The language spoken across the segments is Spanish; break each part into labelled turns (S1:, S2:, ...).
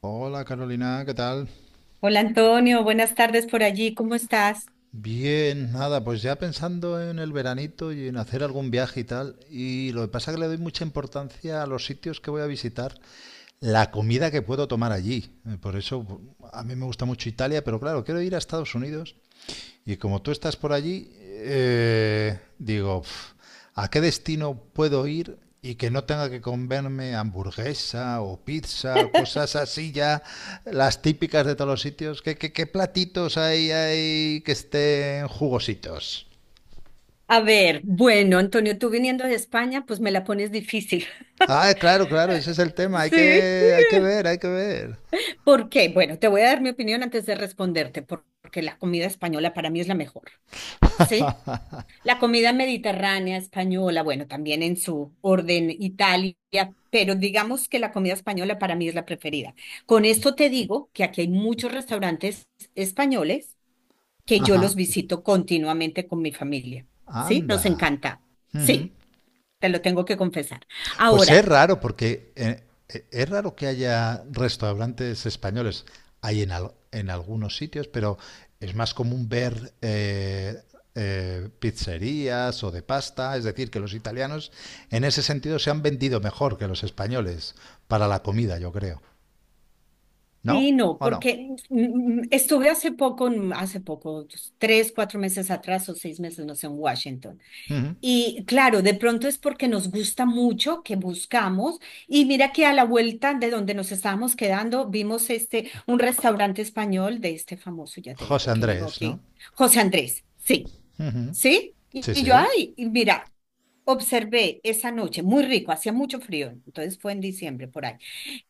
S1: Hola Carolina, ¿qué tal?
S2: Hola Antonio, buenas tardes por allí, ¿cómo estás?
S1: Bien, nada, pues ya pensando en el veranito y en hacer algún viaje y tal, y lo que pasa es que le doy mucha importancia a los sitios que voy a visitar, la comida que puedo tomar allí. Por eso a mí me gusta mucho Italia, pero claro, quiero ir a Estados Unidos. Y como tú estás por allí, digo, "Pf, ¿a qué destino puedo ir y que no tenga que comerme hamburguesa o pizza, cosas así ya, las típicas de todos los sitios? ¿Qué platitos hay que estén jugositos?"
S2: A ver, bueno, Antonio, tú viniendo de España, pues me la pones difícil.
S1: Ah, claro, claro, ese es el tema, hay
S2: Sí.
S1: que, hay que ver, hay que ver.
S2: ¿Por qué? Bueno, te voy a dar mi opinión antes de responderte, porque la comida española para mí es la mejor. ¿Sí? La comida mediterránea española, bueno, también en su orden Italia, pero digamos que la comida española para mí es la preferida. Con esto te digo que aquí hay muchos restaurantes españoles que yo
S1: Ajá,
S2: los visito continuamente con mi familia. ¿Sí? Nos
S1: anda.
S2: encanta.
S1: Ujú.
S2: Sí, te lo tengo que confesar.
S1: Pues es
S2: Ahora,
S1: raro, porque es raro que haya restaurantes españoles. Hay en, en algunos sitios, pero es más común ver pizzerías o de pasta. Es decir, que los italianos en ese sentido se han vendido mejor que los españoles para la comida, yo creo. ¿No?
S2: sí, no,
S1: ¿O no?
S2: porque estuve hace poco, hace poco, 3, 4 meses atrás o 6 meses, no sé, en Washington.
S1: Ujú.
S2: Y claro, de pronto es porque nos gusta mucho que buscamos. Y mira que a la vuelta de donde nos estábamos quedando, vimos este, un restaurante español de este famoso, ya te
S1: José
S2: digo que vivo
S1: Andrés, ¿no?
S2: aquí, José Andrés. Sí,
S1: Ujú.
S2: sí. Y
S1: Sí,
S2: y yo,
S1: sí.
S2: ay, y mira, observé esa noche, muy rico, hacía mucho frío, entonces fue en diciembre por ahí.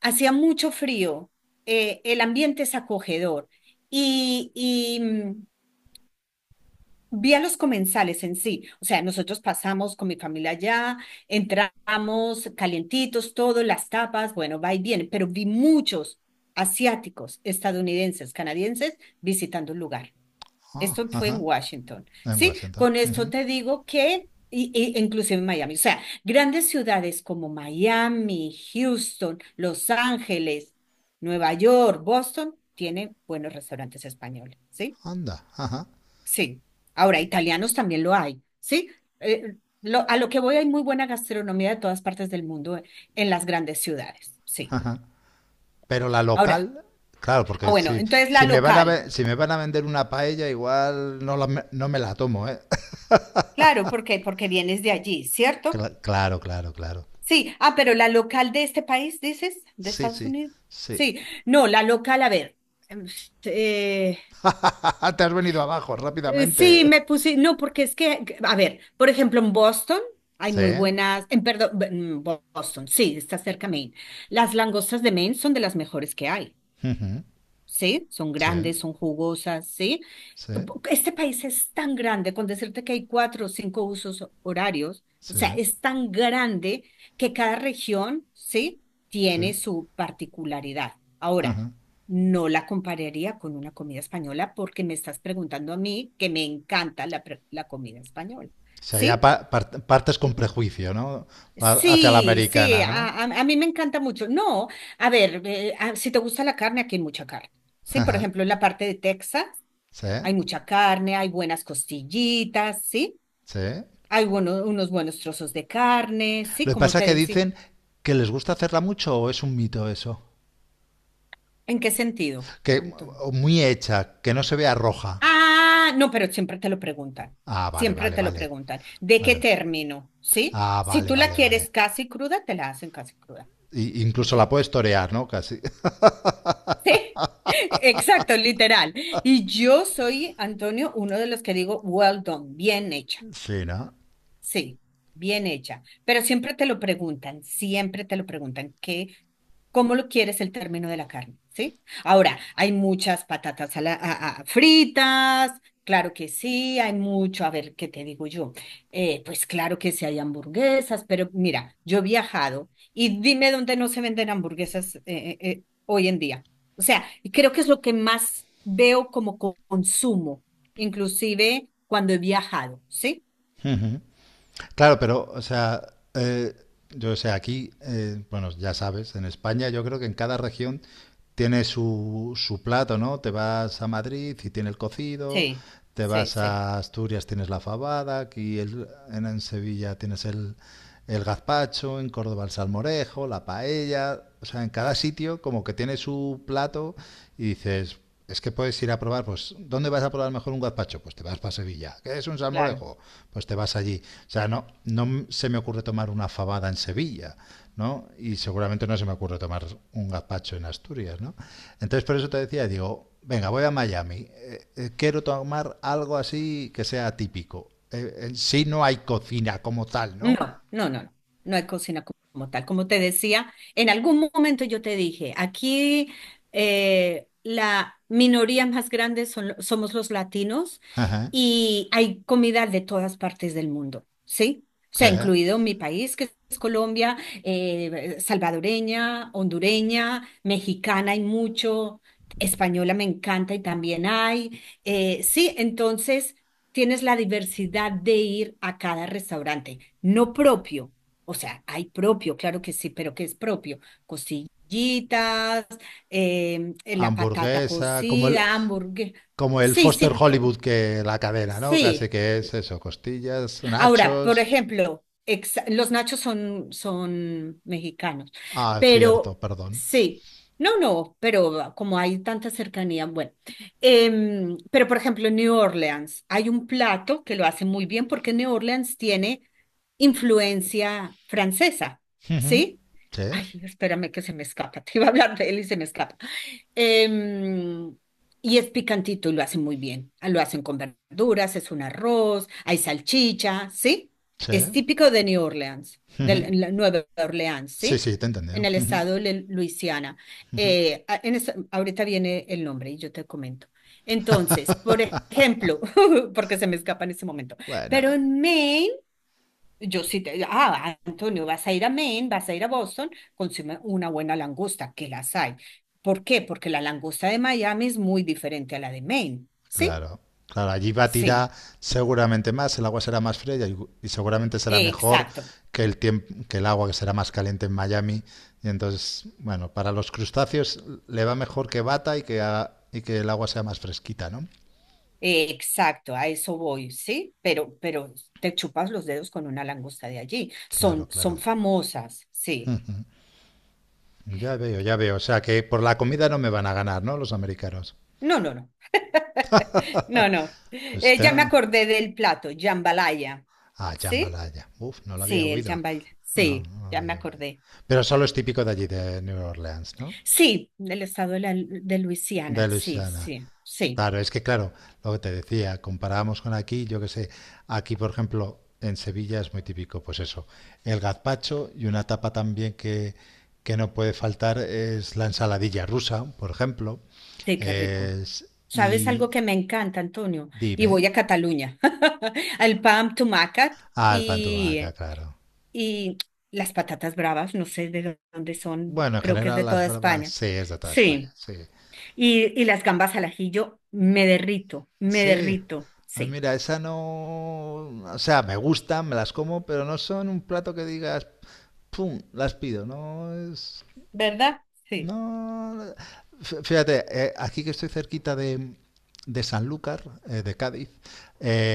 S2: Hacía mucho frío, el ambiente es acogedor y vi a los comensales en sí. O sea, nosotros pasamos con mi familia allá, entramos calientitos, todo, las tapas, bueno, va y viene, pero vi muchos asiáticos, estadounidenses, canadienses visitando el lugar.
S1: Ah,
S2: Esto fue en
S1: ajá.
S2: Washington,
S1: En
S2: ¿sí?
S1: Washington.
S2: Con esto
S1: Ujú.
S2: te digo que inclusive en Miami, o sea, grandes ciudades como Miami, Houston, Los Ángeles, Nueva York, Boston, tienen buenos restaurantes españoles, ¿sí?
S1: Anda, ajá.
S2: Sí. Ahora, italianos también lo hay, ¿sí? Eh, a lo que voy hay muy buena gastronomía de todas partes del mundo, en las grandes ciudades, sí.
S1: Pero la
S2: Ahora,
S1: local, claro, porque
S2: bueno,
S1: si,
S2: entonces la
S1: si me van a
S2: local,
S1: ve- si me van a vender una paella, igual no, no me la tomo, ¿eh?
S2: claro, ¿por qué? Porque vienes de allí, ¿cierto?
S1: Claro, claro, claro.
S2: Sí, pero la local de este país, dices, de
S1: Sí,
S2: Estados
S1: sí,
S2: Unidos.
S1: sí.
S2: Sí, no, la local, a ver. em, eh,
S1: Ah, te has venido abajo
S2: sí, me
S1: rápidamente.
S2: puse, no, porque es que, a ver, por ejemplo, en Boston hay
S1: Sí,
S2: muy buenas, en perdón, en Boston, sí, está cerca Maine. Las langostas de Maine son de las mejores que hay. ¿Sí? Son
S1: sí,
S2: grandes, son jugosas, ¿sí?
S1: sí,
S2: Este país es tan grande, con decirte que hay 4 o 5 usos horarios, o
S1: sí,
S2: sea, es tan grande que cada región, ¿sí?
S1: sí. O
S2: Tiene su particularidad. Ahora, no la compararía con una comida española porque me estás preguntando a mí que me encanta la comida española,
S1: sea, ya
S2: ¿sí?
S1: partes con prejuicio, ¿no? Hacia la
S2: Sí, sí,
S1: americana,
S2: a,
S1: ¿no?
S2: a- a mí me encanta mucho. No, a ver, si te gusta la carne, aquí hay mucha carne. Sí, por
S1: Ajá.
S2: ejemplo, en la parte de Texas.
S1: Sí,
S2: Hay mucha carne, hay buenas costillitas, ¿sí?
S1: sí.
S2: Hay unos buenos trozos de carne, ¿sí?
S1: Lo que
S2: ¿Cómo
S1: pasa es
S2: te
S1: que
S2: decir?
S1: dicen que les gusta hacerla mucho o es un mito eso.
S2: ¿En qué sentido,
S1: Que
S2: Antonio?
S1: o muy hecha, que no se vea roja.
S2: Ah, no, pero siempre te lo preguntan.
S1: Ah, vale,
S2: Siempre
S1: vale,
S2: te lo
S1: vale.
S2: preguntan. ¿De qué
S1: Vale.
S2: término? ¿Sí?
S1: Ah,
S2: Si
S1: vale,
S2: tú la
S1: vale, vale.
S2: quieres casi cruda, te la hacen casi cruda.
S1: Incluso
S2: Yo-
S1: la puedes torear, ¿no? Casi.
S2: sí, exacto, literal. Y yo soy, Antonio, uno de los que digo, well done, bien hecha.
S1: Sí, ¿no?
S2: Sí, bien hecha. Pero siempre te lo preguntan, siempre te lo preguntan, ¿Cómo lo quieres el término de la carne? ¿Sí? Ahora, hay muchas patatas a la- a- fritas, claro que sí, hay mucho, a ver, ¿qué te digo yo? Pues claro que sí hay hamburguesas, pero mira, yo he viajado y dime dónde no se venden hamburguesas hoy en día. O sea, y creo que es lo que más veo como consumo, inclusive cuando he viajado, ¿sí?
S1: Claro, pero, o sea, eh, yo sé, aquí, bueno, ya sabes, en España yo creo que en cada región tiene su plato, ¿no? Te vas a Madrid y tiene el cocido,
S2: Sí,
S1: te
S2: sí,
S1: vas
S2: sí,
S1: a Asturias, tienes la fabada, aquí en Sevilla tienes el gazpacho, en Córdoba el salmorejo, la paella, o sea, en cada sitio como que tiene su plato y dices, es que puedes ir a probar, pues, ¿dónde vas a probar mejor un gazpacho? Pues te vas para Sevilla. ¿Qué es un
S2: claro.
S1: salmorejo? Pues te vas allí. O sea, no, no se me ocurre tomar una fabada en Sevilla, ¿no? Y seguramente no se me ocurre tomar un gazpacho en Asturias, ¿no? Entonces, por eso te decía, digo, venga, voy a Miami. Quiero tomar algo así que sea típico. En sí no hay cocina como tal,
S2: No,
S1: ¿no?
S2: no, no, no, no hay cocina como tal. Como te decía, en algún momento yo te dije, aquí la minoría más grande son somos los latinos
S1: Ajá,
S2: y hay comida de todas partes del mundo, ¿sí? O sea,
S1: ajá.
S2: incluido mi país, que es Colombia, salvadoreña, hondureña, mexicana hay mucho, española me encanta y también hay. Sí, entonces, tienes la diversidad de ir a cada restaurante, no propio. O sea, hay propio, claro que sí, pero ¿qué es propio? Costillitas, la patata
S1: Hamburguesa, como el,
S2: cocida, hamburguesa.
S1: como el
S2: Sí,
S1: Foster
S2: sí,
S1: Hollywood que la cadena, ¿no? Casi
S2: sí.
S1: que es eso, costillas,
S2: Ahora, por
S1: nachos.
S2: ejemplo, los nachos son mexicanos,
S1: Ah, cierto,
S2: pero
S1: perdón.
S2: sí, no, no, pero como hay tanta cercanía, bueno. Pero por ejemplo, en New Orleans hay un plato que lo hace muy bien porque New Orleans tiene influencia francesa,
S1: Ujú.
S2: ¿sí?
S1: Sí,
S2: Ay, espérame que se me escapa, te iba a hablar de él y se me escapa. Em, y es picantito y lo hacen muy bien. Ah, lo hacen con verduras, es un arroz, hay salchicha, ¿sí? Es
S1: sí.
S2: típico de New Orleans, de
S1: Ujú.
S2: la- la Nueva Orleans,
S1: Sí,
S2: ¿sí?
S1: sí, te he
S2: En
S1: entendido.
S2: el
S1: Ujú,
S2: estado de Luisiana.
S1: ujú.
S2: Ahorita viene el nombre y yo te comento. Entonces, por ejemplo, porque se me escapa en este momento, pero
S1: Bueno.
S2: en Maine yo sí te, ah, Antonio, vas a ir a Maine, vas a ir a Boston, consume una buena langosta, que las hay. ¿Por qué? Porque la langosta de Miami es muy diferente a la de Maine, ¿sí?
S1: Claro, claro, allí va a tirar
S2: Sí,
S1: seguramente más, el agua será más fría y seguramente será mejor
S2: exacto,
S1: que que el agua que será más caliente en Miami. Y entonces, bueno, para los crustáceos le va mejor que bata y que, y que el agua sea más fresquita, ¿no?
S2: exacto, a eso voy, ¿sí? Pero te chupas los dedos con una langosta de allí. Son,
S1: Claro,
S2: son
S1: claro.
S2: famosas, sí.
S1: Ujú. Ya veo, ya veo. O sea que por la comida no me van a ganar, ¿no? Los americanos.
S2: No, no, no, no, no.
S1: Pues
S2: Ya me
S1: tengo...
S2: acordé del plato, jambalaya,
S1: Ah,
S2: ¿sí?
S1: jambalaya. Uf, no lo había
S2: Sí, el
S1: oído.
S2: jambalaya,
S1: No,
S2: sí,
S1: no lo
S2: ya me
S1: había oído.
S2: acordé.
S1: Pero solo es típico de allí, de New Orleans, ¿no?
S2: Sí, del estado de
S1: De
S2: Luisiana, sí,
S1: Luisiana.
S2: sí, sí,
S1: Claro, es que claro, lo que te decía, comparábamos con aquí, yo que sé, aquí por ejemplo en Sevilla es muy típico, pues eso, el gazpacho y una tapa también que no puede faltar es la ensaladilla rusa, por ejemplo,
S2: sí, qué rico.
S1: es,
S2: ¿Sabes
S1: y
S2: algo que me encanta, Antonio? Y voy a
S1: dime,
S2: Cataluña, al Pam Tumacat
S1: ah, el pan tumaca,
S2: y,
S1: claro.
S2: y las patatas bravas, no sé de dónde son,
S1: Bueno, en
S2: creo que es
S1: general
S2: de
S1: las
S2: toda
S1: bravas
S2: España.
S1: sí es de toda España,
S2: Sí,
S1: sí,
S2: y las gambas al ajillo, me
S1: sí.
S2: derrito,
S1: A mí,
S2: sí.
S1: mira, esa no, o sea, me gustan, me las como, pero no son un plato que digas, pum, las pido, no es.
S2: ¿Verdad? Sí,
S1: No, no. Fíjate, aquí que estoy cerquita de, Sanlúcar, de Cádiz,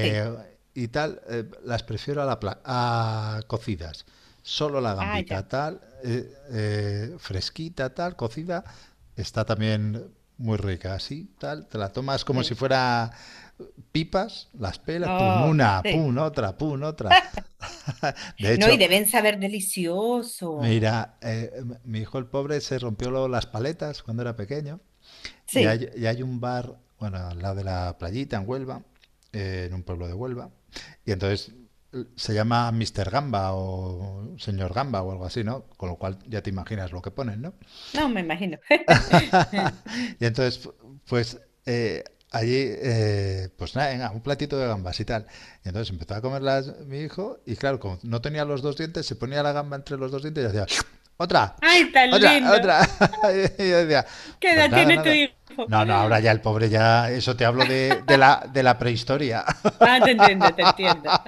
S2: sí.
S1: y tal, las prefiero a cocidas. Solo la
S2: Ah, ya,
S1: gambita tal, fresquita tal, cocida, está también muy rica, así, tal, te la tomas como
S2: sí.
S1: si fuera pipas, las pelas, pum,
S2: Oh,
S1: una,
S2: sí.
S1: pum, otra, pum, otra. De
S2: No, y
S1: hecho,
S2: deben saber delicioso.
S1: mira, mi hijo el pobre se rompió las paletas cuando era pequeño. Y
S2: Sí,
S1: hay, y hay un bar, bueno, al lado de la playita, en Huelva, en un pueblo de Huelva. Y entonces se llama Mister Gamba o Señor Gamba o algo así, ¿no? Con lo cual ya te imaginas lo que ponen, ¿no?
S2: no me imagino.
S1: Y entonces, pues eh, allí, pues nada, venga, un platito de gambas y tal. Y entonces empezó a comerlas mi hijo y claro, como no tenía los dos dientes, se ponía la gamba entre los dos dientes y hacía, otra,
S2: Ay, tan
S1: otra,
S2: lindo.
S1: otra. Y yo decía,
S2: ¿Qué
S1: pues
S2: edad
S1: nada,
S2: tiene tu
S1: nada.
S2: hijo?
S1: No, no, ahora ya el pobre ya, eso te hablo de la prehistoria.
S2: Ah, te entiendo, te entiendo.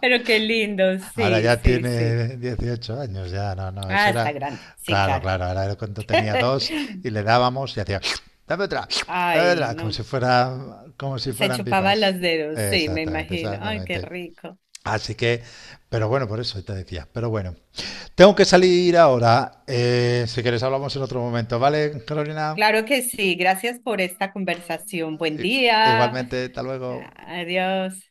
S2: Pero qué lindo,
S1: Ahora
S2: sí,
S1: ya
S2: sí, sí.
S1: tiene 18 años, ya, no, no,
S2: Ah,
S1: eso
S2: está
S1: era,
S2: grande, sí,
S1: claro,
S2: claro.
S1: claro, ahora era cuando tenía dos y le dábamos y hacía, dame otra, dame
S2: Ay,
S1: otra, como si
S2: no,
S1: fuera, como si
S2: se
S1: fueran
S2: chupaba
S1: pipas.
S2: los dedos, sí, me
S1: Exactamente,
S2: imagino. Ay, qué
S1: exactamente.
S2: rico.
S1: Así que, pero bueno, por eso te decía, pero bueno, tengo que salir ahora, si quieres hablamos en otro momento, ¿vale, Carolina?
S2: Claro que sí, gracias por esta conversación. Buen
S1: I-
S2: día.
S1: Igualmente, hasta luego.
S2: Adiós.